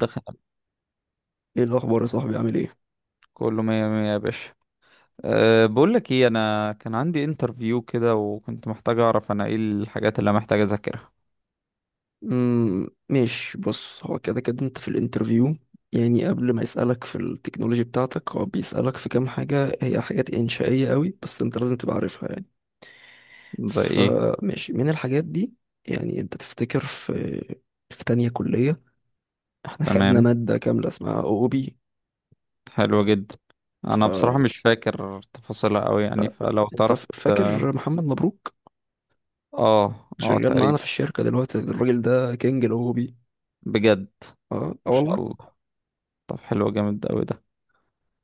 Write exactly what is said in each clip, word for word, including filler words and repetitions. دخل. ايه الاخبار يا صاحبي، عامل ايه؟ كله مية مية يا باشا. أه بقول لك ايه، انا كان عندي انترفيو كده وكنت محتاج اعرف انا ايه الحاجات اللي أنا محتاج اذاكرها. امم ماشي، بص، هو كده كده انت في الانترفيو. يعني قبل ما يسألك في التكنولوجي بتاعتك هو بيسألك في كام حاجة، هي حاجات إنشائية قوي بس انت لازم تبقى عارفها يعني. زي ايه؟ فماشي، من الحاجات دي يعني انت تفتكر في في تانية كلية؟ احنا خدنا تمام. مادة كاملة اسمها او بي. حلو جدا. ف انا بصراحة مش فاكر تفاصيلها قوي، يعني لا، فلو انت تعرف ف- ت- فاكر محمد مبروك؟ اه اه شغال معانا تقريبا. في الشركة دلوقتي، الراجل ده كينج الاو بي. بجد ان اه آه والله. شاء الله. طب حلو جامد قوي ده.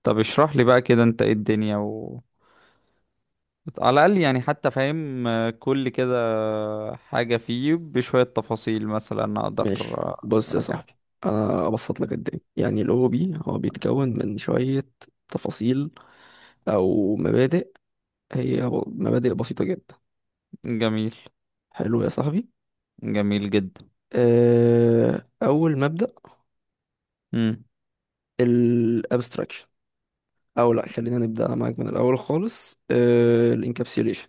طب اشرح لي بقى كده انت ايه الدنيا و... على الاقل، يعني حتى فاهم آه، كل كده حاجة فيه بشوية تفاصيل مثلا اقدر ماشي، آه، بص يا اراجعها. صاحبي، انا ابسط لك الدنيا. يعني الاو بي هو بيتكون من شوية تفاصيل او مبادئ، هي ب- مبادئ بسيطة جدا. جميل. حلو يا صاحبي. جميل جدا. أه، اول مبدأ مم. الابستراكشن. او لا، خلينا نبدأ معاك من الاول خالص. أه، الانكابسيوليشن.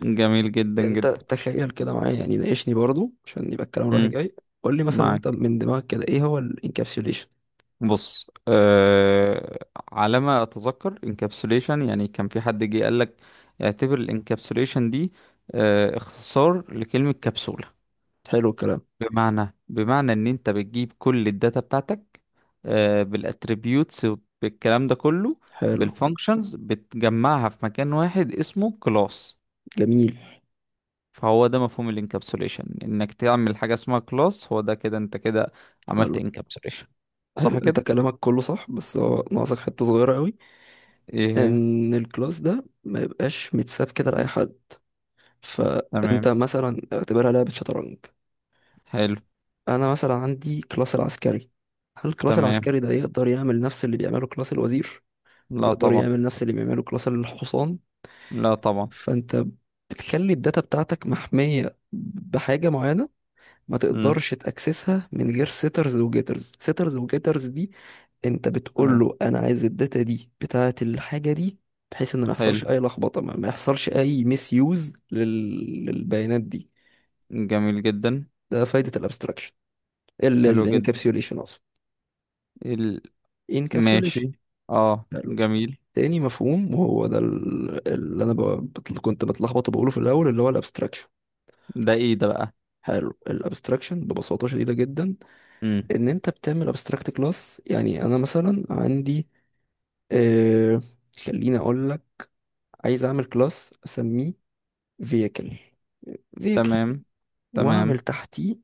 جميل جدا انت جدا. تخيل كده معايا، يعني ناقشني برضو عشان يبقى الكلام رايح مم. جاي. قول لي مثلا انت معاك. من دماغك كده ايه هو الانكابسيوليشن؟ بص أه... على ما اتذكر انكابسوليشن يعني كان في حد جه قال لك اعتبر الانكابسوليشن دي أه... اختصار لكلمة كبسولة. حلو الكلام. بمعنى بمعنى ان انت بتجيب كل الداتا بتاعتك أه... بالاتريبيوتس، بالكلام ده كله، حلو. بالفانكشنز، بتجمعها في مكان واحد اسمه كلاس. جميل. فهو ده مفهوم الانكابسوليشن، انك تعمل حاجه اسمها كلاس. هو ده كده، انت كده عملت انكابسوليشن، حلو، صح انت كده؟ كلامك كله صح بس هو ناقصك حته صغيره قوي. ايه. ان الكلاس ده ما يبقاش متساب كده لاي حد. فانت تمام. مثلا اعتبرها لعبه شطرنج. حلو. انا مثلا عندي كلاس العسكري، هل الكلاس تمام. العسكري ده يقدر يعمل نفس اللي بيعمله كلاس الوزير؟ لا يقدر طبعا. يعمل نفس اللي بيعمله كلاس الحصان؟ لا طبعا. فانت بتخلي الداتا بتاعتك محميه بحاجه معينه، ما امم. تقدرش تاكسسها من غير سيترز وجيترز. سيترز وجيترز دي انت بتقول تمام. له انا عايز الداتا دي بتاعه الحاجه دي، بحيث ان ما يحصلش حلو. اي لخبطه، ما ما يحصلش اي ميس يوز لل... للبيانات دي. جميل جدا. ده فايده الابستراكشن، حلو جدا. الانكابسيوليشن اقصد. ال... انكابسيوليشن. ماشي. اه حلو. جميل. تاني مفهوم وهو ده ال- اللي انا ب... بت- كنت بتلخبط وبقوله في الاول، اللي هو الابستراكشن. ده ايه ده بقى؟ حلو، الابستراكشن ببساطه شديده جدا، امم. ان انت بتعمل ابستراكت كلاس. يعني انا مثلا عندي آه... خليني اقول لك، عايز اعمل كلاس اسميه فيكل. فيكل تمام. تمام. واعمل تحتيه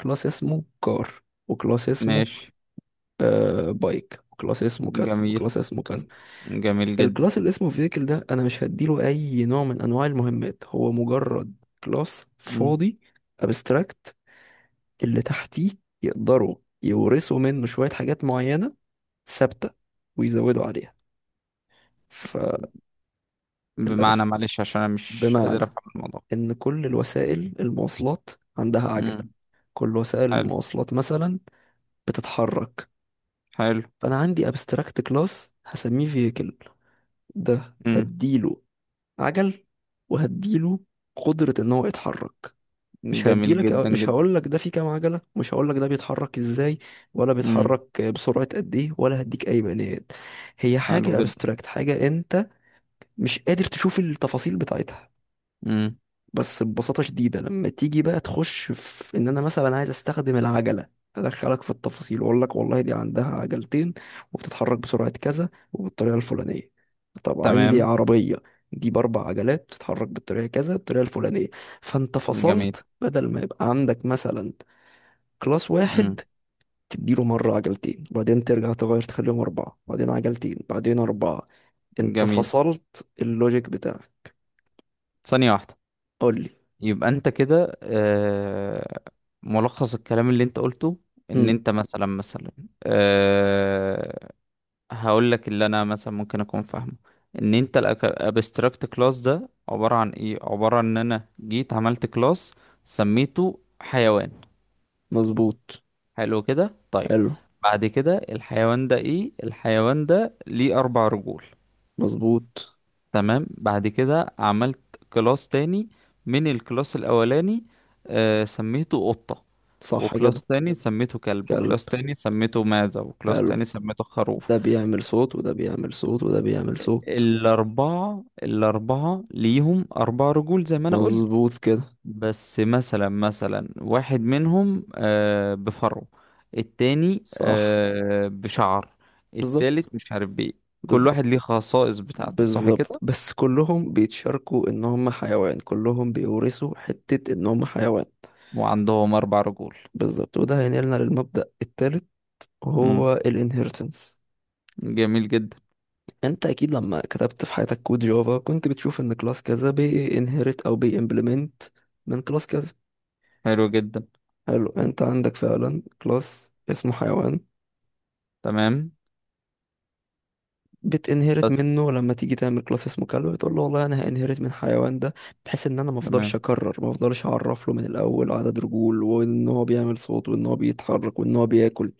كلاس اسمه كار، وكلاس اسمه ماشي. آه بايك، وكلاس اسمه كذا، جميل. وكلاس اسمه كذا. جميل جدا. الكلاس اللي اسمه فيكل ده انا مش هديله اي نوع من انواع المهمات، هو مجرد كلاس مم. فاضي، ابستراكت. اللي تحتيه يقدروا يورثوا منه شوية حاجات معينة ثابتة ويزودوا عليها. فالابست بمعنى، معلش، عشان انا مش قادر بمعنى افهم الموضوع. ان كل الوسائل المواصلات عندها عجل. مم. كل وسائل حلو. المواصلات مثلا بتتحرك. حلو. فانا عندي ابستراكت كلاس هسميه فيكل، ده امم. هديله عجل، وهديله قدرة ان هو يتحرك. مش جميل هديلك، جدا مش جدا. هقولك ده فيه كام عجلة، مش هقولك ده بيتحرك ازاي، ولا امم. بيتحرك بسرعة قد ايه، ولا هديك اي بيانات. هي حلو حاجة جدا. ابستراكت، حاجة انت مش قادر تشوف التفاصيل بتاعتها. امم. بس ببساطة شديدة، لما تيجي بقى تخش في ان انا مثلا عايز استخدم العجلة، ادخلك في التفاصيل واقول لك والله دي عندها عجلتين وبتتحرك بسرعة كذا وبالطريقة الفلانية. طب عندي تمام. عربية، دي باربع عجلات بتتحرك بالطريقة كذا، الطريقة الفلانية. فانت جميل. فصلت، بدل ما يبقى عندك مثلا كلاس واحد امم. تديله مرة عجلتين وبعدين ترجع تغير تخليهم أربعة بعدين عجلتين بعدين أربعة. انت جميل. فصلت اللوجيك بتاعك. ثانية واحدة. قول لي. يبقى انت كده آه ملخص الكلام اللي انت قلته، ان مم. انت مثلا مثلا آه هقول لك اللي انا مثلا ممكن اكون فاهمه. ان انت الابستراكت كلاس ده عبارة عن ايه؟ عبارة عن ان انا جيت عملت كلاس سميته حيوان. مظبوط. حلو كده، طيب. حلو. بعد كده الحيوان ده ايه؟ الحيوان ده ليه اربع رجول. مظبوط. تمام. بعد كده عملت كلاس تاني من الكلاس الاولاني، آه سميته قطة، صح وكلاس كده. تاني سميته كلب، كلب. وكلاس تاني سميته معزة، وكلاس حلو. تاني سميته خروف. ده بيعمل صوت وده بيعمل صوت وده بيعمل صوت. الأربعة الأربعة ليهم أربع رجول زي ما أنا قلت. مظبوط كده. بس مثلا مثلا واحد منهم آه، بفرو، التاني صح. آه، بشعر، بالظبط. التالت مش عارف بإيه. كل واحد بالظبط. ليه خصائص بتاعته، صح بالظبط، كده؟ بس كلهم بيتشاركوا ان هم حيوان، كلهم بيورثوا حتة ان هم حيوان. وعندهم أربع رجول. بالظبط، وده هينقلنا للمبدأ الثالث، مم. وهو الانهيرتنس. جميل جدا. انت اكيد لما كتبت في حياتك كود جافا كنت بتشوف ان كلاس كذا بينهرت او بيمبلمنت من كلاس كذا. حلو جدا. حلو، انت عندك فعلا كلاس اسمه حيوان، تمام. بتنهرت بس. منه لما تيجي تعمل كلاس اسمه كلب. بتقول له والله انا هانهرت من حيوان ده، بحيث ان انا ما افضلش تمام. اكرر، ما افضلش اعرف له من الاول عدد رجول وان هو بيعمل صوت وان هو بيتحرك وان هو بياكل.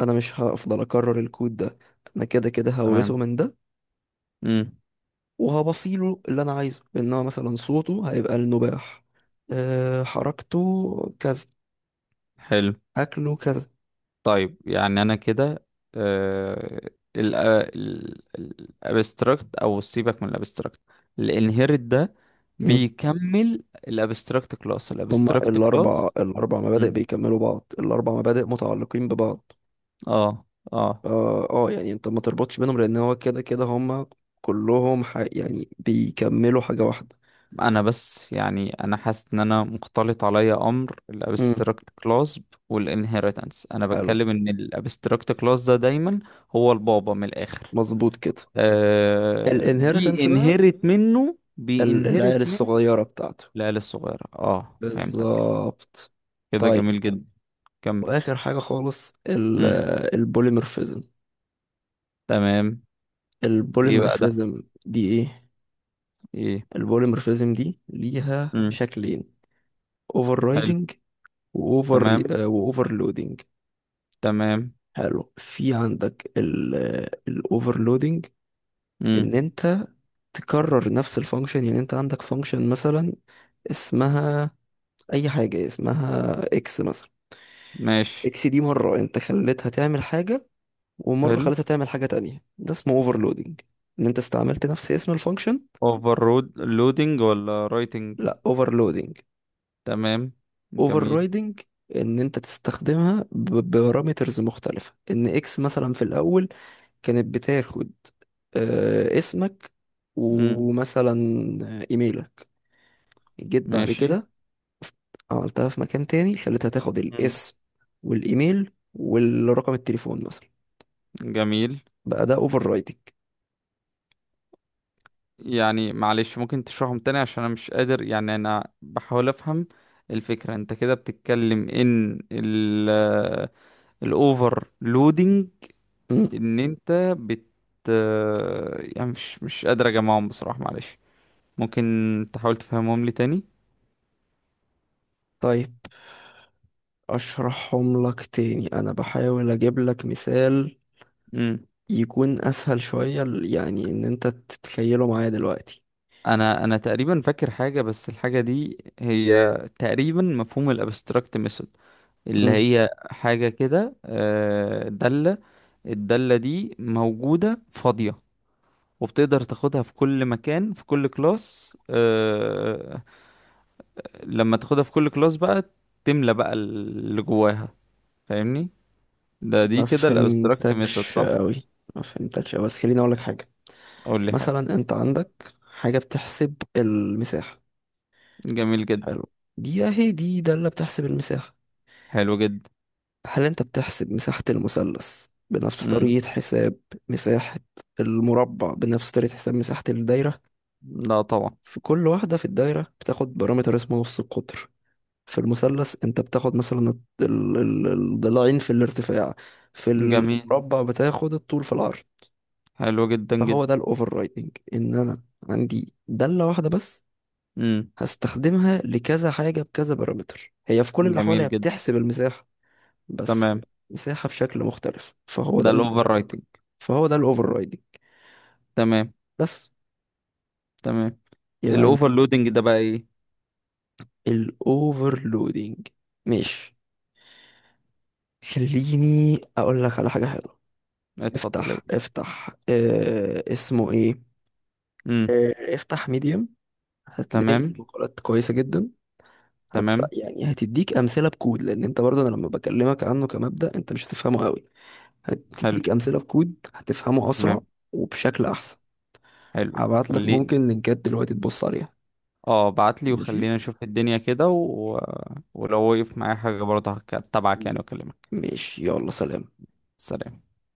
انا مش هفضل اكرر الكود ده، انا كده كده هورثه تمام. من ده، مم. وهبصيله اللي انا عايزه، ان هو مثلا صوته هيبقى النباح، أه، حركته كذا، حلو. اكله كذا. طيب، يعني انا كده آه الابستراكت، او سيبك من الابستراكت، الانهيرت ده بيكمل الابستراكت كلاس هما الابستراكت الأربع، كلاس الأربع مبادئ مم. بيكملوا بعض، الأربع مبادئ متعلقين ببعض. اه اه اه، آه، يعني انت ما تربطش بينهم لأن هو كده كده هما كلهم ح... يعني بيكملوا حاجة واحدة. انا بس، يعني انا حاسس ان انا مختلط عليا امر امم. الابستراكت كلاس والانهيرتنس. انا حلو. بتكلم ان الابستراكت كلاس ده دايما هو البابا من الاخر، مظبوط كده. آه الانهيرتنس بقى، بينهرت منه ال- بينهرت العيال الصغيرة بتاعته. العيال الصغيرة، اه، فهمتك كده. بالظبط. كده طيب، جميل جدا. كمل. وآخر حاجة خالص ال... امم. البوليمورفيزم. تمام. ايه بقى ده؟ البوليمورفيزم دي ايه؟ ايه. البوليمورفيزم دي ليها امم. شكلين: اوفر حلو. واوفر تمام. واوفر لودنج. تمام. حلو، في عندك الاوفر لودنج، ان امم. انت تكرر نفس الفانكشن. يعني انت عندك فانكشن مثلا اسمها اي حاجه، اسمها اكس مثلا. ماشي. اكس دي مره انت خليتها تعمل حاجه ومره حلو. خليتها تعمل حاجه تانية، ده اسمه اوفر لودنج، ان انت استعملت نفس اسم الفانكشن. اوفر رود لودنج ولا رايتنج؟ لا، اوفر لودنج. تمام. اوفر جميل. رايدنج، ان انت تستخدمها ببارامترز مختلفه، ان اكس مثلا في الاول كانت بتاخد آه، اسمك، امم. ومثلا ايميلك. جيت بعد ماشي. كده است- عملتها في مكان تاني، خليتها تاخد امم. الاسم والايميل والرقم التليفون مثلا. جميل. بقى ده اوفر رايتنج. يعني معلش، ممكن تشرحهم تاني عشان انا مش قادر، يعني انا بحاول افهم الفكرة. انت كده بتتكلم ان ال الاوفر، ان انت بت يعني مش مش قادر اجمعهم بصراحة، معلش. ممكن تحاول تفهمهم لي تاني. طيب، اشرحهم لك تاني، انا بحاول اجيب لك مثال امم. يكون اسهل شوية ل- يعني ان انت تتخيله معايا دلوقتي. انا انا تقريبا فاكر حاجة، بس الحاجة دي هي تقريبا مفهوم الابستراكت ميثود، اللي مم. هي حاجة كده آه، دالة. الدالة دي موجودة فاضية، وبتقدر تاخدها في كل مكان، في كل كلاس، آه، لما تاخدها في كل كلاس بقى، تملى بقى اللي جواها. فاهمني؟ ده دي ما كده الابستراكت ميثود، فهمتكش صح؟ قوي، ما فهمتكش أوي، بس خليني اقول لك حاجة. قول لي حاجة. مثلا انت عندك حاجة بتحسب المساحة. جميل جدا. حلو، دي اهي دي دالة بتحسب المساحة. حلو جدا. هل انت بتحسب مساحة المثلث بنفس امم. طريقة حساب مساحة المربع بنفس طريقة حساب مساحة الدايرة؟ لا طبعا. في كل واحدة، في الدايرة بتاخد بارامتر اسمه نص القطر، في المثلث انت بتاخد مثلا الط- ال- ال- الضلعين في الارتفاع، في جميل. المربع بتاخد الطول في العرض. حلو جدا فهو جدا. ده الاوفر رايدنج، ان انا عندي دالة واحدة بس امم. هستخدمها لكذا حاجة بكذا بارامتر، هي في كل الأحوال هي جميل جدا. بتحسب المساحة، بس تمام. مساحة بشكل مختلف. فهو ده ده ال... الاوفر رايتنج. فهو ده الأوفر رايدنج تمام. بس. تمام. الاوفر يعني لودنج ده بقى ايه؟ الأوفر لودنج. ماشي، خليني أقول لك على حاجة حلوة. اتفضل يا افتح، باشا. افتح اه اسمه ايه؟ امم. اه، افتح ميديم، هتلاقي تمام. مقالات كويسة جدا. هت... تمام. يعني هتديك أمثلة بكود، لأن أنت برضه أنا لما بكلمك عنه كمبدأ أنت مش هتفهمه قوي. حلو. هتديك امثله في كود هتفهمه اسرع تمام. وبشكل احسن. حلو. هبعت لك خليني، ممكن لينكات دلوقتي تبص عليها. اه بعت لي ماشي. وخلينا نشوف الدنيا كده و... ولو وقف معايا حاجة برضه هك- هتابعك يعني واكلمك. ماشي يلا، سلام. سلام.